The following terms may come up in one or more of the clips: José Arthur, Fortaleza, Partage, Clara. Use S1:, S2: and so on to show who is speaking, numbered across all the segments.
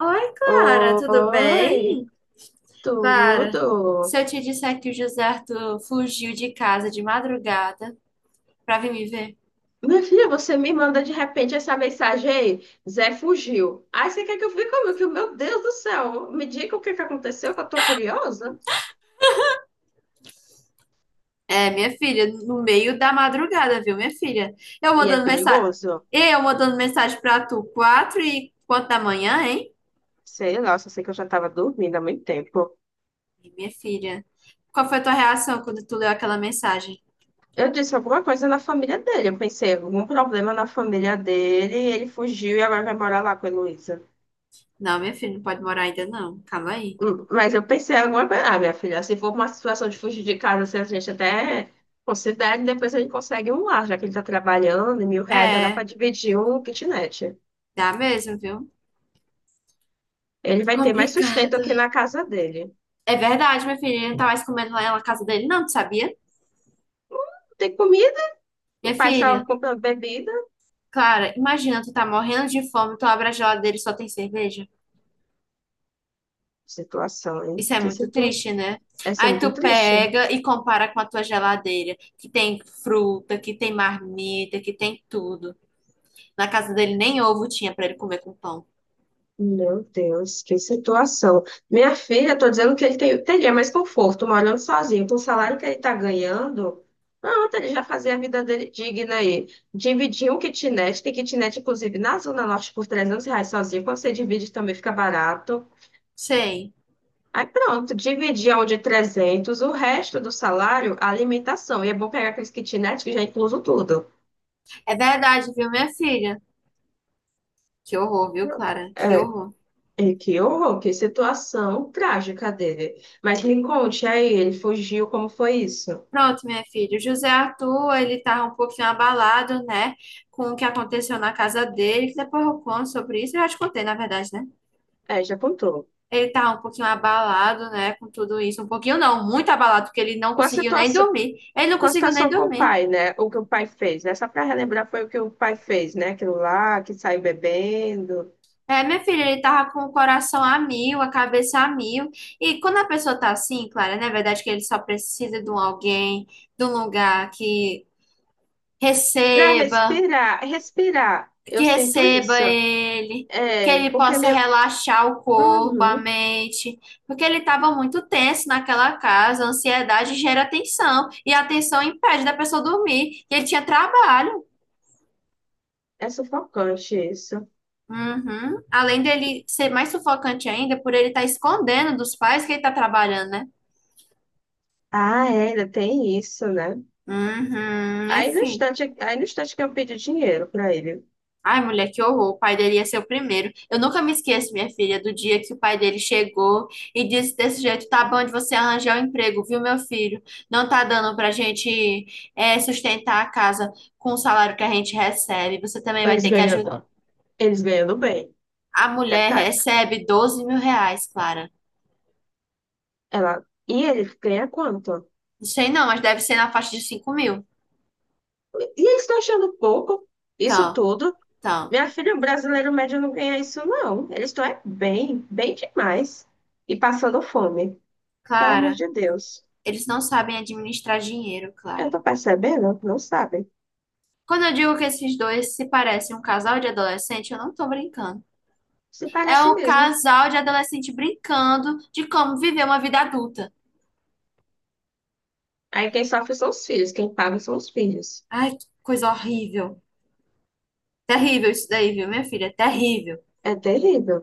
S1: Oi, Clara, tudo
S2: Oi,
S1: bem? Clara, se
S2: tudo.
S1: eu te disser que o José Arthur fugiu de casa de madrugada pra vir me ver?
S2: Minha filha, você me manda de repente essa mensagem aí. Zé fugiu. Aí você quer que eu fique como? Que, meu Deus do céu, me diga o que que aconteceu, que eu tô curiosa.
S1: É, minha filha, no meio da madrugada, viu, minha filha? Eu
S2: E é
S1: mandando mensagem,
S2: perigoso?
S1: eu mandando mensagem pra tu, quatro e quanto da manhã, hein?
S2: Sei lá, só sei que eu já tava dormindo há muito tempo.
S1: E, minha filha, qual foi a tua reação quando tu leu aquela mensagem?
S2: Eu disse alguma coisa na família dele. Eu pensei, algum problema na família dele, ele fugiu e agora vai morar lá com a Heloísa.
S1: Não, minha filha, não pode morar ainda não, calma aí.
S2: Mas eu pensei em alguma coisa, ah, minha filha, se for uma situação de fugir de casa, se a gente até considera, e depois a gente consegue um lar, já que ele está trabalhando, e 1.000 reais já dá para
S1: É,
S2: dividir um kitnet.
S1: dá mesmo, viu?
S2: Ele vai ter mais sustento
S1: Complicado.
S2: aqui na casa dele.
S1: É verdade, minha filha, ele não tá mais comendo lá na casa dele, não, tu sabia?
S2: Não tem comida,
S1: Minha
S2: o pai estava
S1: filha,
S2: comprando bebida.
S1: Clara, imagina, tu tá morrendo de fome, tu abre a geladeira e só tem cerveja.
S2: Situação, hein?
S1: Isso é
S2: Que
S1: muito triste,
S2: situação.
S1: né?
S2: Essa é
S1: Aí
S2: muito
S1: tu
S2: triste.
S1: pega e compara com a tua geladeira, que tem fruta, que tem marmita, que tem tudo. Na casa dele nem ovo tinha pra ele comer com pão.
S2: Meu Deus, que situação. Minha filha, estou dizendo que ele teria mais conforto morando sozinho. Com o salário que ele está ganhando, pronto, ele já fazia a vida dele digna aí. Dividir um kitnet, tem kitnet, inclusive, na Zona Norte por 300 reais sozinho. Quando você divide, também fica barato.
S1: Sei.
S2: Aí pronto, dividir onde 300 o resto do salário, a alimentação. E é bom pegar aqueles kitnet que já é incluso tudo.
S1: É verdade, viu, minha filha? Que horror, viu,
S2: Pronto.
S1: Clara? Que horror.
S2: É, que horror, que situação trágica dele. Mas me conte aí, ele fugiu, como foi isso?
S1: Pronto, minha filha. O José Arthur, ele tá um pouquinho abalado, né? Com o que aconteceu na casa dele, que depois eu conto sobre isso. Eu já te contei, na verdade, né?
S2: É, já contou.
S1: Ele tá um pouquinho abalado, né, com tudo isso. Um pouquinho não, muito abalado, porque ele não
S2: Com a
S1: conseguiu nem
S2: situação,
S1: dormir. Ele não
S2: com a
S1: conseguiu nem
S2: situação com o
S1: dormir.
S2: pai, né? O que o pai fez, né? Só para relembrar, foi o que o pai fez, né? Aquilo lá, que saiu bebendo.
S1: É, minha filha, ele tava com o coração a mil, a cabeça a mil. E quando a pessoa tá assim, Clara, não é verdade que ele só precisa de um alguém, de um lugar
S2: Para
S1: receba,
S2: respirar, respirar,
S1: que
S2: eu sinto
S1: receba
S2: isso.
S1: ele, que
S2: É,
S1: ele
S2: porque é
S1: possa
S2: meio.
S1: relaxar o corpo, a
S2: Uhum,
S1: mente, porque ele estava muito tenso naquela casa, a ansiedade gera tensão, e a tensão impede da pessoa dormir, e ele tinha trabalho.
S2: é sufocante isso.
S1: Uhum. Além dele ser mais sufocante ainda, por ele estar escondendo dos pais que ele está trabalhando, né?
S2: Ah, é, ainda tem isso, né?
S1: Uhum, é,
S2: Aí no
S1: filho.
S2: instante, aí no instante que eu pedi dinheiro para ele,
S1: Ai, mulher, que horror. O pai dele ia ser o primeiro. Eu nunca me esqueço, minha filha, do dia que o pai dele chegou e disse desse jeito: tá bom de você arranjar um emprego, viu, meu filho? Não tá dando pra gente é, sustentar a casa com o salário que a gente recebe. Você também vai
S2: eles
S1: ter que ajudar.
S2: ganhando, eles ganhando bem.
S1: A mulher
S2: Detalhe.
S1: recebe R$ 12.000, Clara.
S2: Ela, e ele ganha quanto?
S1: Não sei não, mas deve ser na faixa de 5.000.
S2: E eles estão achando pouco isso
S1: Então,
S2: tudo.
S1: então,
S2: Minha filha, o brasileiro médio não ganha isso, não. Eles estão é bem, bem demais. E passando fome. Pelo amor
S1: Clara,
S2: de Deus.
S1: eles não sabem administrar dinheiro,
S2: Eu
S1: Clara.
S2: tô percebendo, não sabem.
S1: Quando eu digo que esses dois se parecem um casal de adolescente, eu não tô brincando.
S2: Se
S1: É
S2: parece
S1: um
S2: mesmo.
S1: casal de adolescente brincando de como viver uma vida adulta.
S2: Aí quem sofre são os filhos, quem paga são os filhos.
S1: Ai, que coisa horrível. Terrível isso daí, viu, minha filha? Terrível.
S2: É terrível.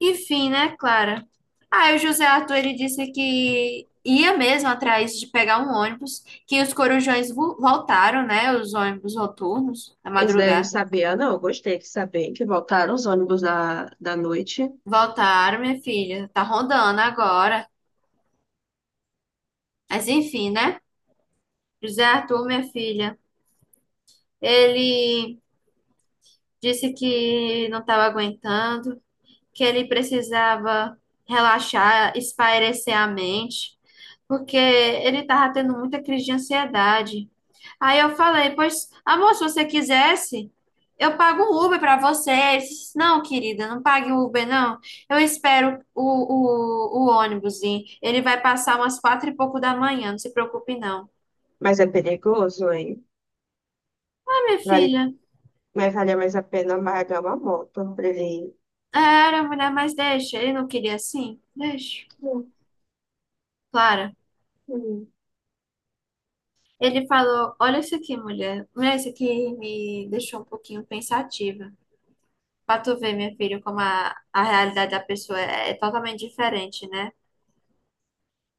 S1: Enfim, né, Clara? Aí o José Arthur, ele disse que ia mesmo atrás de pegar um ônibus, que os corujões voltaram, né? Os ônibus noturnos, na
S2: Eles daí eu não
S1: madrugada.
S2: sabia, não. Eu gostei de saber que voltaram os ônibus da noite.
S1: Voltaram, minha filha. Tá rondando agora. Mas enfim, né? José Arthur, minha filha, ele disse que não estava aguentando que ele precisava relaxar, espairecer a mente, porque ele estava tendo muita crise de ansiedade. Aí eu falei, pois, amor, se você quisesse, eu pago o Uber para você. Ele disse, não, querida, não pague o Uber, não. Eu espero o ônibus ir. Ele vai passar umas quatro e pouco da manhã, não se preocupe, não.
S2: Mas é perigoso, hein?
S1: Ah, minha
S2: Vale
S1: filha,
S2: Mas valia mais a pena amargar uma moto pra ele.
S1: é, era mulher, mas deixa. Ele não queria assim? Deixa.
S2: Hum,
S1: Clara.
S2: hum.
S1: Ele falou: Olha isso aqui, mulher. Mulher, isso aqui me deixou um pouquinho pensativa. Pra tu ver, minha filha, como a realidade da pessoa é totalmente diferente, né?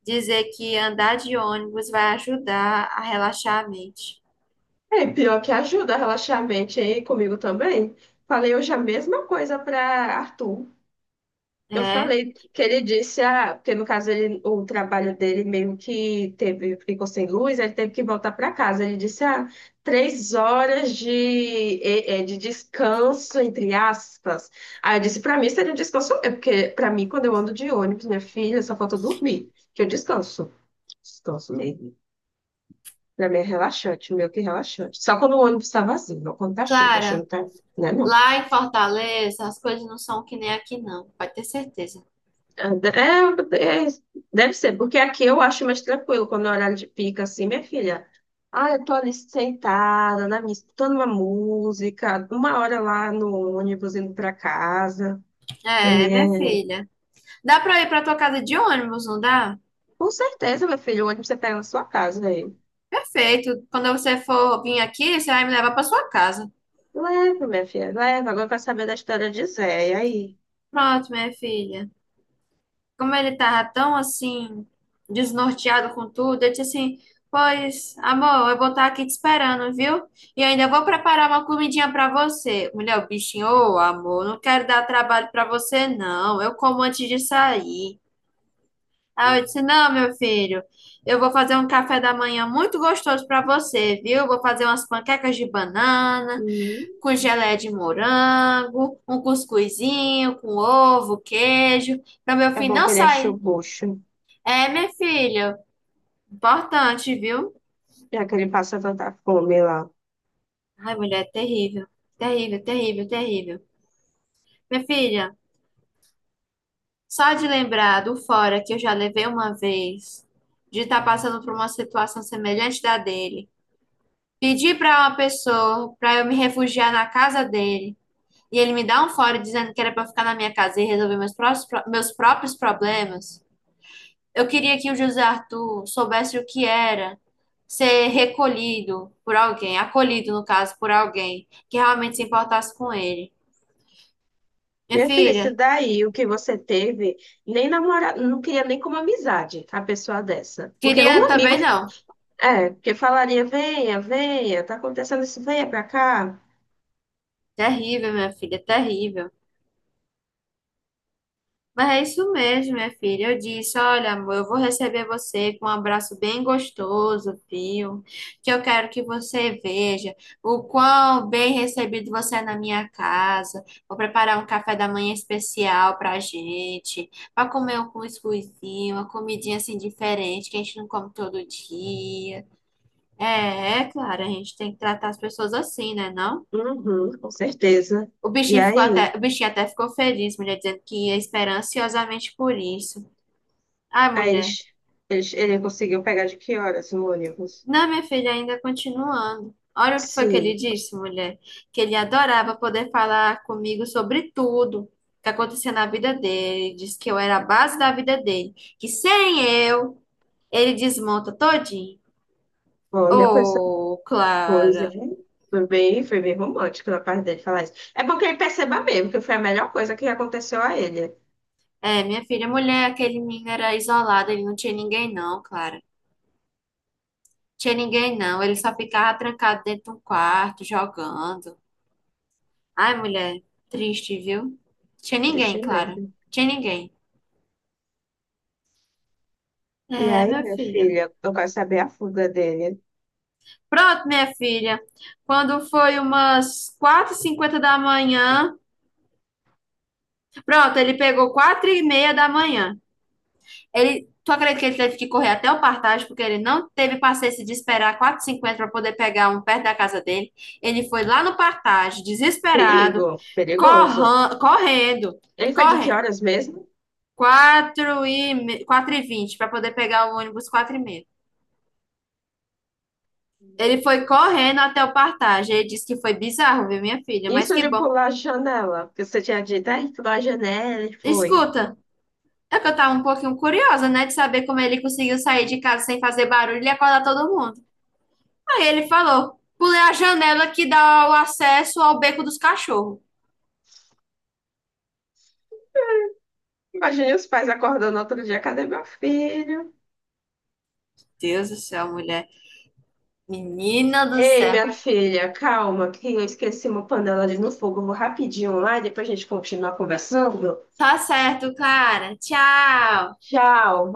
S1: Dizer que andar de ônibus vai ajudar a relaxar a mente.
S2: É, pior que ajuda a relaxar a mente, hein? Comigo também. Falei hoje a mesma coisa para Arthur. Eu
S1: É.
S2: falei que ele disse, ah, porque no caso ele, o trabalho dele meio que teve, ficou sem luz, ele teve que voltar para casa. Ele disse, ah, 3 horas de, de descanso, entre aspas. Aí eu disse, para mim seria um descanso, é porque para mim, quando eu ando de ônibus, minha filha, só falta dormir, que eu descanso. Gosto mesmo. Pra mim é relaxante, meio que relaxante. Só quando o ônibus tá vazio, não quando tá cheio. Tô
S1: Clara,
S2: achando que tá. Né, não.
S1: lá em Fortaleza, as coisas não são que nem aqui, não. Pode ter certeza.
S2: É, é, deve ser, porque aqui eu acho mais tranquilo quando é horário de pica, assim, minha filha. Ah, eu tô ali sentada, na minha, escutando uma música, uma hora lá no ônibus indo pra casa. Pra
S1: É,
S2: mim
S1: minha
S2: é.
S1: filha. Dá pra ir pra tua casa de ônibus, não dá?
S2: Com certeza, meu filho, o ônibus você pega na sua casa aí.
S1: Perfeito. Quando você for vir aqui, você vai me levar pra sua casa.
S2: Leva, minha filha, leva. Agora eu quero saber da história de Zé. E aí?
S1: Pronto, minha filha. Como ele tava tão assim, desnorteado com tudo, eu disse assim: Pois, amor, eu vou estar aqui te esperando, viu? E ainda vou preparar uma comidinha pra você. Mulher, o bichinho, ô amor, não quero dar trabalho pra você, não. Eu como antes de sair. Aí eu disse: Não, meu filho, eu vou fazer um café da manhã muito gostoso pra você, viu? Vou fazer umas panquecas de banana,
S2: Hum,
S1: com geleia de morango, um cuscuzinho com ovo, queijo. Pra meu
S2: é
S1: filho
S2: bom
S1: não
S2: que ele enche o
S1: sair.
S2: bucho.
S1: É, minha filha, importante, viu?
S2: Já que ele passa tanta fome lá.
S1: Ai, mulher, é terrível. Terrível, terrível, terrível. Minha filha, só de lembrar do fora que eu já levei uma vez, de estar passando por uma situação semelhante da dele, pedir para uma pessoa para eu me refugiar na casa dele, e ele me dá um fora dizendo que era para ficar na minha casa e resolver meus próprios problemas. Eu queria que o José Arthur soubesse o que era ser recolhido por alguém, acolhido, no caso, por alguém que realmente se importasse com ele. Minha
S2: Minha filha, isso
S1: filha,
S2: daí, o que você teve, nem namorado, não queria nem como amizade a pessoa dessa. Porque um
S1: queria
S2: amigo,
S1: também não.
S2: é, porque falaria, venha, venha, tá acontecendo isso, venha pra cá.
S1: Terrível, minha filha, terrível. Mas é isso mesmo, minha filha. Eu disse: olha, amor, eu vou receber você com um abraço bem gostoso, viu? Que eu quero que você veja o quão bem recebido você é na minha casa. Vou preparar um café da manhã especial pra gente, pra comer um cuscuzinho, uma comidinha assim diferente, que a gente não come todo dia. É, é claro, a gente tem que tratar as pessoas assim, né, não?
S2: Uhum, com certeza.
S1: O
S2: E
S1: bichinho ficou
S2: aí,
S1: até, o bichinho até ficou feliz, mulher, dizendo que ia esperar ansiosamente por isso. Ai,
S2: aí
S1: mulher.
S2: eles, ele conseguiu pegar de que horas no ônibus?
S1: Não, minha filha, ainda continuando. Olha o que foi que ele
S2: Sim,
S1: disse, mulher. Que ele adorava poder falar comigo sobre tudo que acontecia na vida dele. Disse que eu era a base da vida dele. Que sem eu, ele desmonta todinho.
S2: olha com essa
S1: Oh,
S2: coisa,
S1: Clara.
S2: hein? Foi bem romântico da parte dele falar isso. É bom que ele perceba mesmo que foi a melhor coisa que aconteceu a ele.
S1: É, minha filha, mulher, aquele menino era isolado. Ele não tinha ninguém, não, Clara. Tinha ninguém, não. Ele só ficava trancado dentro de um quarto, jogando. Ai, mulher, triste, viu? Tinha ninguém,
S2: Triste
S1: Clara.
S2: mesmo.
S1: Tinha ninguém.
S2: E
S1: É,
S2: aí,
S1: minha
S2: minha
S1: filha.
S2: filha, eu quero saber a fuga dele.
S1: Pronto, minha filha. Quando foi umas 4:50 da manhã. Pronto, ele pegou 4:30 da manhã. Ele, tu acredita que ele teve que correr até o Partage, porque ele não teve paciência de esperar 4:50 para poder pegar um perto da casa dele. Ele foi lá no Partage, desesperado,
S2: Perigo, perigoso.
S1: correndo,
S2: Ele foi de que
S1: correndo.
S2: horas mesmo?
S1: 4:20 para poder pegar o ônibus 4:30. Ele
S2: Meu
S1: foi
S2: Deus.
S1: correndo até o Partage. Ele disse que foi bizarro, viu, minha filha? Mas
S2: Isso
S1: que
S2: de
S1: bom.
S2: pular a janela, porque você tinha dito, ai, pulou a janela e foi.
S1: Escuta, é que eu tava um pouquinho curiosa, né, de saber como ele conseguiu sair de casa sem fazer barulho e acordar todo mundo. Aí ele falou: pulei a janela que dá o acesso ao beco dos cachorros.
S2: Imagine os pais acordando outro dia, cadê meu filho?
S1: Deus do céu, mulher. Menina do
S2: Ei,
S1: céu.
S2: minha filha, calma, que eu esqueci uma panela ali no fogo. Eu vou rapidinho lá e depois a gente continua conversando.
S1: Tá certo, cara. Tchau.
S2: Tchau,